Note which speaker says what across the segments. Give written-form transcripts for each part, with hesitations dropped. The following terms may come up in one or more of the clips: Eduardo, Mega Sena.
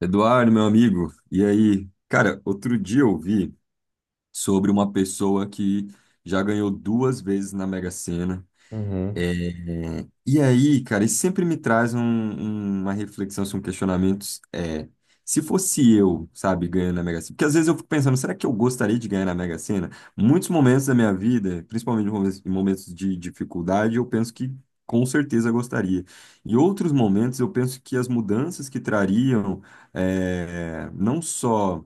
Speaker 1: Eduardo, meu amigo, e aí? Cara, outro dia eu vi sobre uma pessoa que já ganhou duas vezes na Mega Sena.
Speaker 2: Uhum,
Speaker 1: é, e aí, cara, isso sempre me traz uma reflexão, assim, um questionamento. É, Se fosse eu, sabe, ganhando na Mega Sena, porque às vezes eu fico pensando, será que eu gostaria de ganhar na Mega Sena? Muitos momentos da minha vida, principalmente em momentos de dificuldade, eu penso que com certeza gostaria. Em outros momentos, eu penso que as mudanças que trariam, não só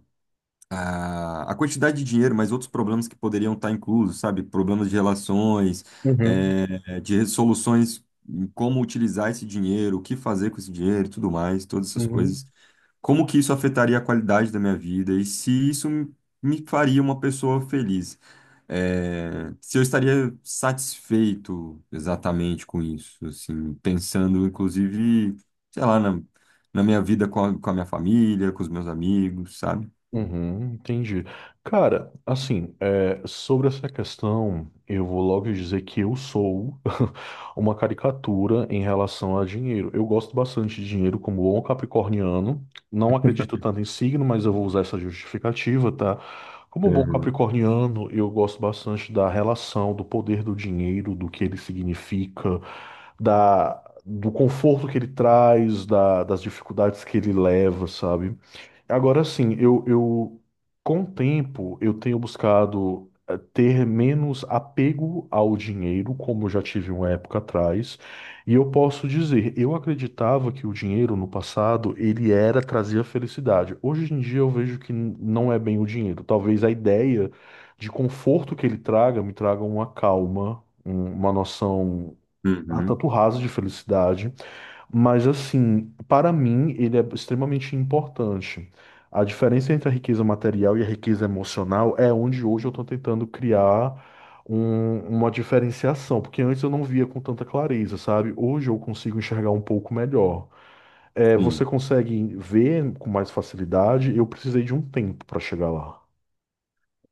Speaker 1: a quantidade de dinheiro, mas outros problemas que poderiam estar inclusos, sabe? Problemas de relações,
Speaker 2: uhum,
Speaker 1: de soluções, em como utilizar esse dinheiro, o que fazer com esse dinheiro, e tudo mais, todas essas
Speaker 2: uhum.
Speaker 1: coisas. Como que isso afetaria a qualidade da minha vida e se isso me faria uma pessoa feliz? Se eu estaria satisfeito exatamente com isso, assim, pensando inclusive, sei lá, na minha vida com a minha família, com os meus amigos, sabe?
Speaker 2: Uhum, entendi. Cara, assim, é, sobre essa questão, eu vou logo dizer que eu sou uma caricatura em relação a dinheiro. Eu gosto bastante de dinheiro como bom capricorniano. Não acredito tanto em signo, mas eu vou usar essa justificativa, tá? Como bom capricorniano, eu gosto bastante da relação, do poder do dinheiro, do que ele significa, da, do conforto que ele traz, das dificuldades que ele leva, sabe? Agora sim, eu, com o tempo eu tenho buscado ter menos apego ao dinheiro, como eu já tive uma época atrás, e eu posso dizer, eu acreditava que o dinheiro no passado ele era trazia felicidade. Hoje em dia eu vejo que não é bem o dinheiro. Talvez a ideia de conforto que ele traga me traga uma calma, uma noção
Speaker 1: Uhum,
Speaker 2: tanto rasa de felicidade. Mas assim, para mim, ele é extremamente importante. A diferença entre a riqueza material e a riqueza emocional é onde hoje eu estou tentando criar uma diferenciação, porque antes eu não via com tanta clareza, sabe? Hoje eu consigo enxergar um pouco melhor. É, você
Speaker 1: sim.
Speaker 2: consegue ver com mais facilidade? Eu precisei de um tempo para chegar lá.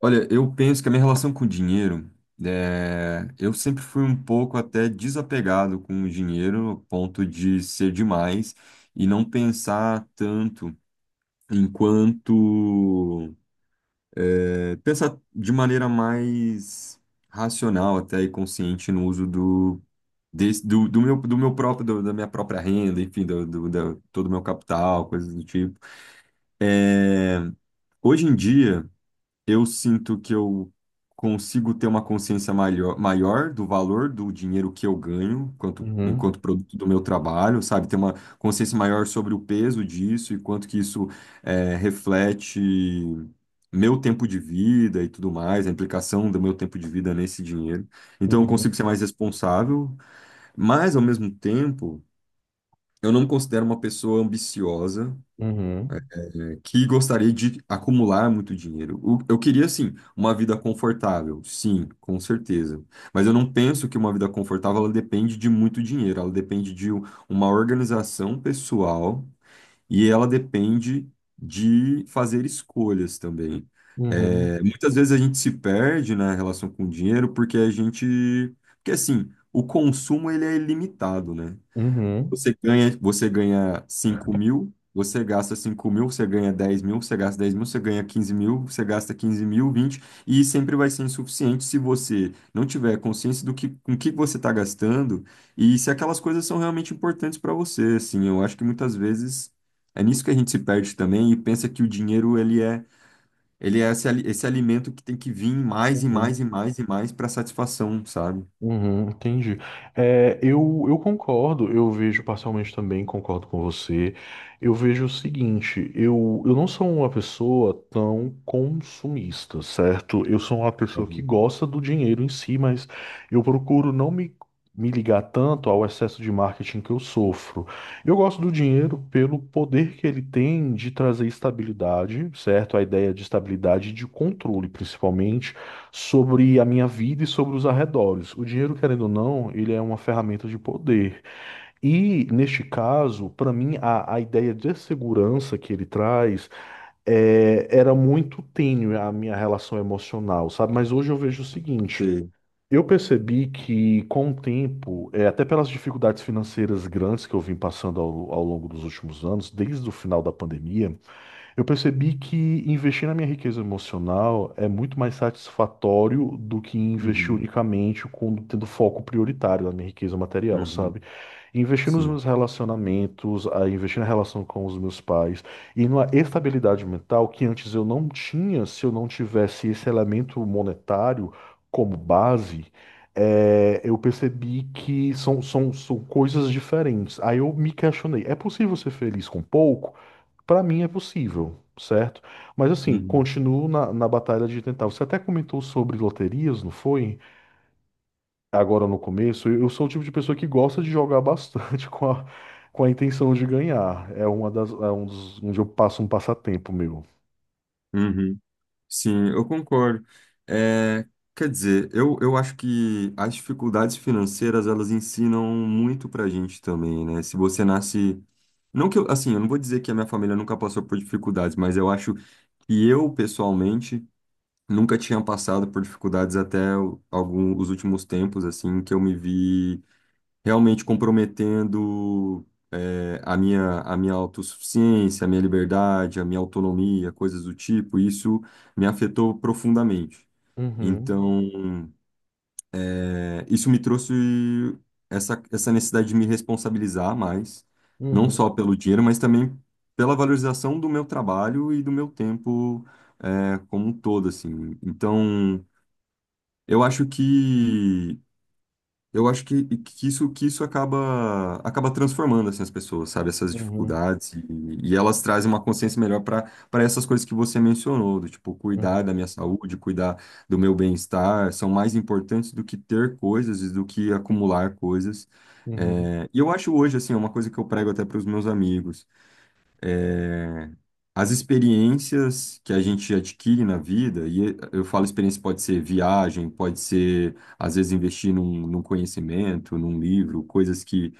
Speaker 1: Olha, eu penso que a minha relação com o dinheiro, eu sempre fui um pouco até desapegado com o dinheiro, a ponto de ser demais e não pensar tanto enquanto, pensar de maneira mais racional até e consciente no uso do, da minha própria renda, enfim, todo o meu capital, coisas do tipo. Hoje em dia eu sinto que eu consigo ter uma consciência maior do valor do dinheiro que eu ganho
Speaker 2: Uhum,
Speaker 1: enquanto produto do meu trabalho, sabe? Ter uma consciência maior sobre o peso disso e quanto que isso reflete meu tempo de vida e tudo mais, a implicação do meu tempo de vida nesse dinheiro. Então eu
Speaker 2: uhum,
Speaker 1: consigo ser mais responsável, mas ao mesmo tempo eu não me considero uma pessoa ambiciosa
Speaker 2: uhum,
Speaker 1: que gostaria de acumular muito dinheiro. Eu queria, sim, uma vida confortável, sim, com certeza. Mas eu não penso que uma vida confortável ela depende de muito dinheiro, ela depende de uma organização pessoal e ela depende de fazer escolhas também.
Speaker 2: uhum,
Speaker 1: É, muitas vezes a gente se perde na relação com o dinheiro porque a gente, porque assim, o consumo ele é ilimitado, né?
Speaker 2: uhum,
Speaker 1: Você ganha 5.000, você gasta 5.000, você ganha 10.000, você gasta 10.000, você ganha 15.000, você gasta 15.000, 20, e sempre vai ser insuficiente se você não tiver consciência do que, com que você está gastando e se aquelas coisas são realmente importantes para você, assim, eu acho que muitas vezes é nisso que a gente se perde também e pensa que o dinheiro, ele é esse, esse alimento que tem que vir mais e
Speaker 2: uhum.
Speaker 1: mais e mais e mais para satisfação, sabe?
Speaker 2: Uhum, entendi. É, eu concordo, eu vejo parcialmente também, concordo com você. Eu vejo o seguinte, eu não sou uma pessoa tão consumista, certo? Eu sou uma pessoa que
Speaker 1: Uhum.
Speaker 2: gosta do dinheiro em si, mas eu procuro não me, me ligar tanto ao excesso de marketing que eu sofro. Eu gosto do dinheiro pelo poder que ele tem de trazer estabilidade, certo? A ideia de estabilidade e de controle, principalmente sobre a minha vida e sobre os arredores. O dinheiro, querendo ou não, ele é uma ferramenta de poder. E, neste caso, para mim, a ideia de segurança que ele traz é, era muito tênue a minha relação emocional, sabe? Mas hoje eu vejo o seguinte.
Speaker 1: Sei.
Speaker 2: Eu percebi que, com o tempo, é, até pelas dificuldades financeiras grandes que eu vim passando ao longo dos últimos anos, desde o final da pandemia, eu percebi que investir na minha riqueza emocional é muito mais satisfatório do que investir
Speaker 1: Uhum,
Speaker 2: unicamente com, tendo foco prioritário na minha riqueza material,
Speaker 1: uhum,
Speaker 2: sabe? Investir nos
Speaker 1: sim.
Speaker 2: meus relacionamentos, a investir na relação com os meus pais e numa estabilidade mental que antes eu não tinha se eu não tivesse esse elemento monetário como base. É, eu percebi que são coisas diferentes. Aí eu me questionei: é possível ser feliz com pouco? Para mim é possível, certo? Mas assim,
Speaker 1: Uhum,
Speaker 2: continuo na batalha de tentar. Você até comentou sobre loterias, não foi? Agora no começo, eu sou o tipo de pessoa que gosta de jogar bastante com a intenção de ganhar. É uma das, é um dos, onde eu passo um passatempo meu.
Speaker 1: uhum. Sim, eu concordo. É, Quer dizer, eu acho que as dificuldades financeiras, elas ensinam muito pra gente também, né? Se você nasce... Não que eu, assim, eu não vou dizer que a minha família nunca passou por dificuldades, mas eu acho que eu, pessoalmente, nunca tinha passado por dificuldades até algum, os últimos tempos, assim, que eu me vi realmente comprometendo a minha autossuficiência, a minha liberdade, a minha autonomia, coisas do tipo, isso me afetou profundamente.
Speaker 2: Uhum,
Speaker 1: Então, isso me trouxe essa necessidade de me responsabilizar mais, não
Speaker 2: uhum,
Speaker 1: só pelo dinheiro, mas também pela valorização do meu trabalho e do meu tempo, como um todo, assim. Então, eu acho que eu acho que, que isso acaba transformando assim, as pessoas, sabe? Essas
Speaker 2: uhum,
Speaker 1: dificuldades. E e elas trazem uma consciência melhor para essas coisas que você mencionou, do tipo, cuidar da
Speaker 2: uhum,
Speaker 1: minha saúde, cuidar do meu bem-estar, são mais importantes do que ter coisas e do que acumular coisas.
Speaker 2: uhum,
Speaker 1: É, e eu acho hoje, assim, é uma coisa que eu prego até para os meus amigos. As experiências que a gente adquire na vida, e eu falo experiência pode ser viagem, pode ser, às vezes, investir num conhecimento, num livro, coisas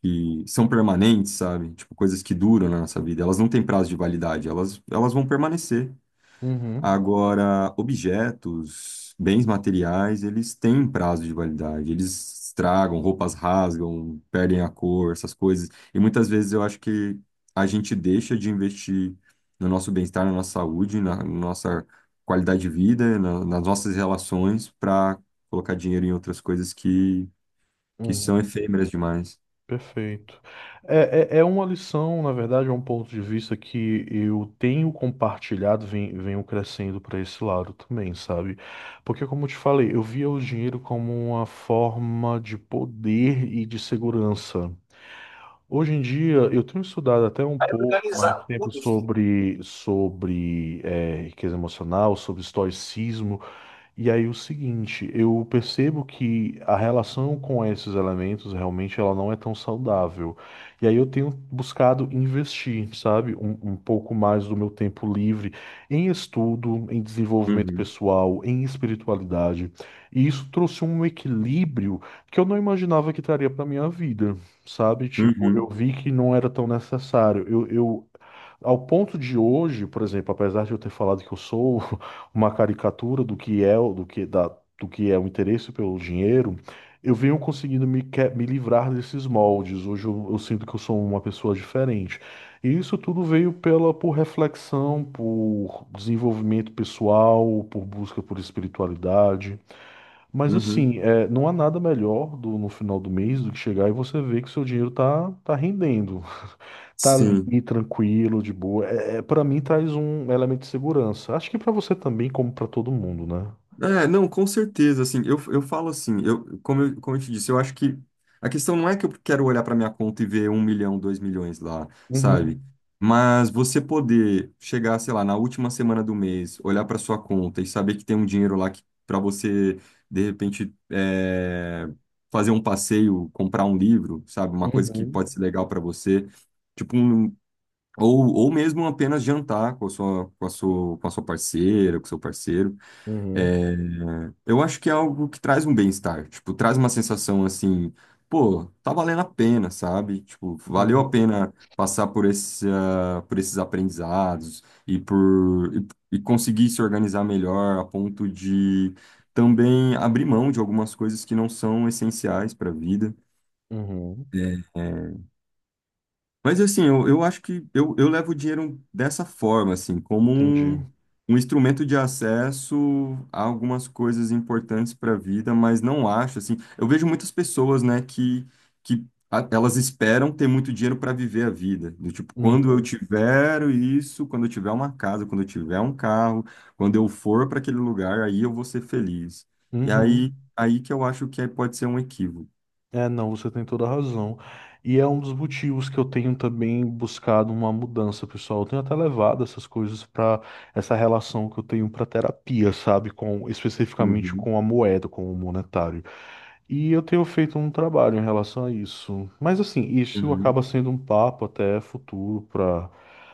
Speaker 1: que são permanentes, sabe? Tipo, coisas que duram na nossa vida. Elas não têm prazo de validade, elas vão permanecer.
Speaker 2: uhum,
Speaker 1: Agora, objetos, bens materiais, eles têm prazo de validade. Eles estragam, roupas rasgam, perdem a cor, essas coisas. E muitas vezes eu acho que a gente deixa de investir no nosso bem-estar, na nossa saúde, na nossa qualidade de vida, nas nossas relações, para colocar dinheiro em outras coisas que
Speaker 2: uhum,
Speaker 1: são
Speaker 2: uhum.
Speaker 1: efêmeras demais.
Speaker 2: Perfeito. É uma lição, na verdade, é um ponto de vista que eu tenho compartilhado, venho crescendo para esse lado também, sabe? Porque, como eu te falei, eu via o dinheiro como uma forma de poder e de segurança. Hoje em dia, eu tenho estudado até um
Speaker 1: Aí
Speaker 2: pouco mais
Speaker 1: organizar
Speaker 2: tempo
Speaker 1: tudo, filho.
Speaker 2: sobre, sobre riqueza emocional, sobre estoicismo. E aí o seguinte, eu percebo que a relação com esses elementos realmente ela não é tão saudável. E aí eu tenho buscado investir, sabe, um pouco mais do meu tempo livre em estudo, em desenvolvimento
Speaker 1: Uhum,
Speaker 2: pessoal, em espiritualidade. E isso trouxe um equilíbrio que eu não imaginava que traria para minha vida, sabe? Tipo, eu
Speaker 1: uhum,
Speaker 2: vi que não era tão necessário. Eu ao ponto de hoje, por exemplo, apesar de eu ter falado que eu sou uma caricatura do que é do que da, do que é o interesse pelo dinheiro, eu venho conseguindo me, me livrar desses moldes. Hoje eu sinto que eu sou uma pessoa diferente. E isso tudo veio pela por reflexão, por desenvolvimento pessoal, por busca por espiritualidade. Mas
Speaker 1: uhum.
Speaker 2: assim, é, não há nada melhor no final do mês do que chegar e você ver que seu dinheiro tá rendendo. Tá
Speaker 1: Sim.
Speaker 2: ali tranquilo, de boa. É, para mim traz um elemento de segurança. Acho que pra você também, como pra todo mundo, né?
Speaker 1: É, não, com certeza, assim, eu falo assim, eu, como eu te disse, eu acho que a questão não é que eu quero olhar para minha conta e ver 1 milhão, 2 milhões lá,
Speaker 2: Uhum.
Speaker 1: sabe? Mas você poder chegar, sei lá, na última semana do mês, olhar para sua conta e saber que tem um dinheiro lá que para você, de repente, fazer um passeio, comprar um livro, sabe? Uma coisa que pode
Speaker 2: Uhum.
Speaker 1: ser legal para você, tipo um, ou mesmo apenas jantar com a sua parceira, com o seu parceiro.
Speaker 2: Uhum.
Speaker 1: É, eu acho que é algo que traz um bem-estar, tipo, traz uma sensação assim, pô, tá valendo a pena, sabe? Tipo, valeu a
Speaker 2: Uhum.
Speaker 1: pena passar por por esses aprendizados e por e, e conseguir se organizar melhor a ponto de também abrir mão de algumas coisas que não são essenciais para a vida.
Speaker 2: Uhum.
Speaker 1: É, é, mas assim, eu acho que eu levo o dinheiro dessa forma, assim, como um,
Speaker 2: Entendi.
Speaker 1: um instrumento de acesso a algumas coisas importantes para a vida, mas não acho, assim, eu vejo muitas pessoas, né, que, que elas esperam ter muito dinheiro para viver a vida, do tipo, quando eu
Speaker 2: Uhum.
Speaker 1: tiver isso, quando eu tiver uma casa, quando eu tiver um carro, quando eu for para aquele lugar, aí eu vou ser feliz. E aí,
Speaker 2: Uhum.
Speaker 1: aí que eu acho que aí pode ser um equívoco.
Speaker 2: É, não, você tem toda a razão. E é um dos motivos que eu tenho também buscado uma mudança, pessoal. Eu tenho até levado essas coisas para essa relação que eu tenho para terapia, sabe? Com especificamente
Speaker 1: Uhum,
Speaker 2: com a moeda, com o monetário. E eu tenho feito um trabalho em relação a isso. Mas assim, isso
Speaker 1: uhum.
Speaker 2: acaba sendo um papo até futuro para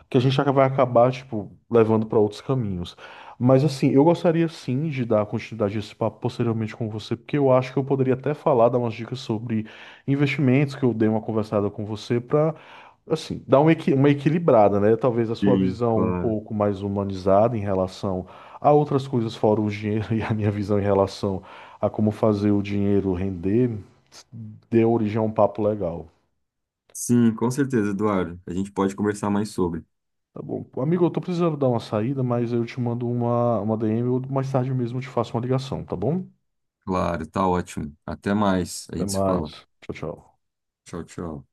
Speaker 2: que a gente vai acabar, tipo, levando para outros caminhos. Mas assim, eu gostaria sim de dar continuidade a esse papo posteriormente com você, porque eu acho que eu poderia até falar, dar umas dicas sobre investimentos, que eu dei uma conversada com você para assim, dar uma, uma equilibrada, né? Talvez a sua
Speaker 1: Sim,
Speaker 2: visão um
Speaker 1: claro.
Speaker 2: pouco mais humanizada em relação a outras coisas fora o dinheiro e a minha visão em relação a como fazer o dinheiro render, deu origem a um papo legal.
Speaker 1: Sim, com certeza, Eduardo. A gente pode conversar mais sobre.
Speaker 2: Tá bom. Amigo, eu tô precisando dar uma saída, mas eu te mando uma DM ou mais tarde mesmo eu te faço uma ligação, tá bom?
Speaker 1: Claro, tá ótimo. Até mais. A
Speaker 2: Até
Speaker 1: gente se
Speaker 2: mais.
Speaker 1: fala.
Speaker 2: Tchau, tchau.
Speaker 1: Tchau, tchau.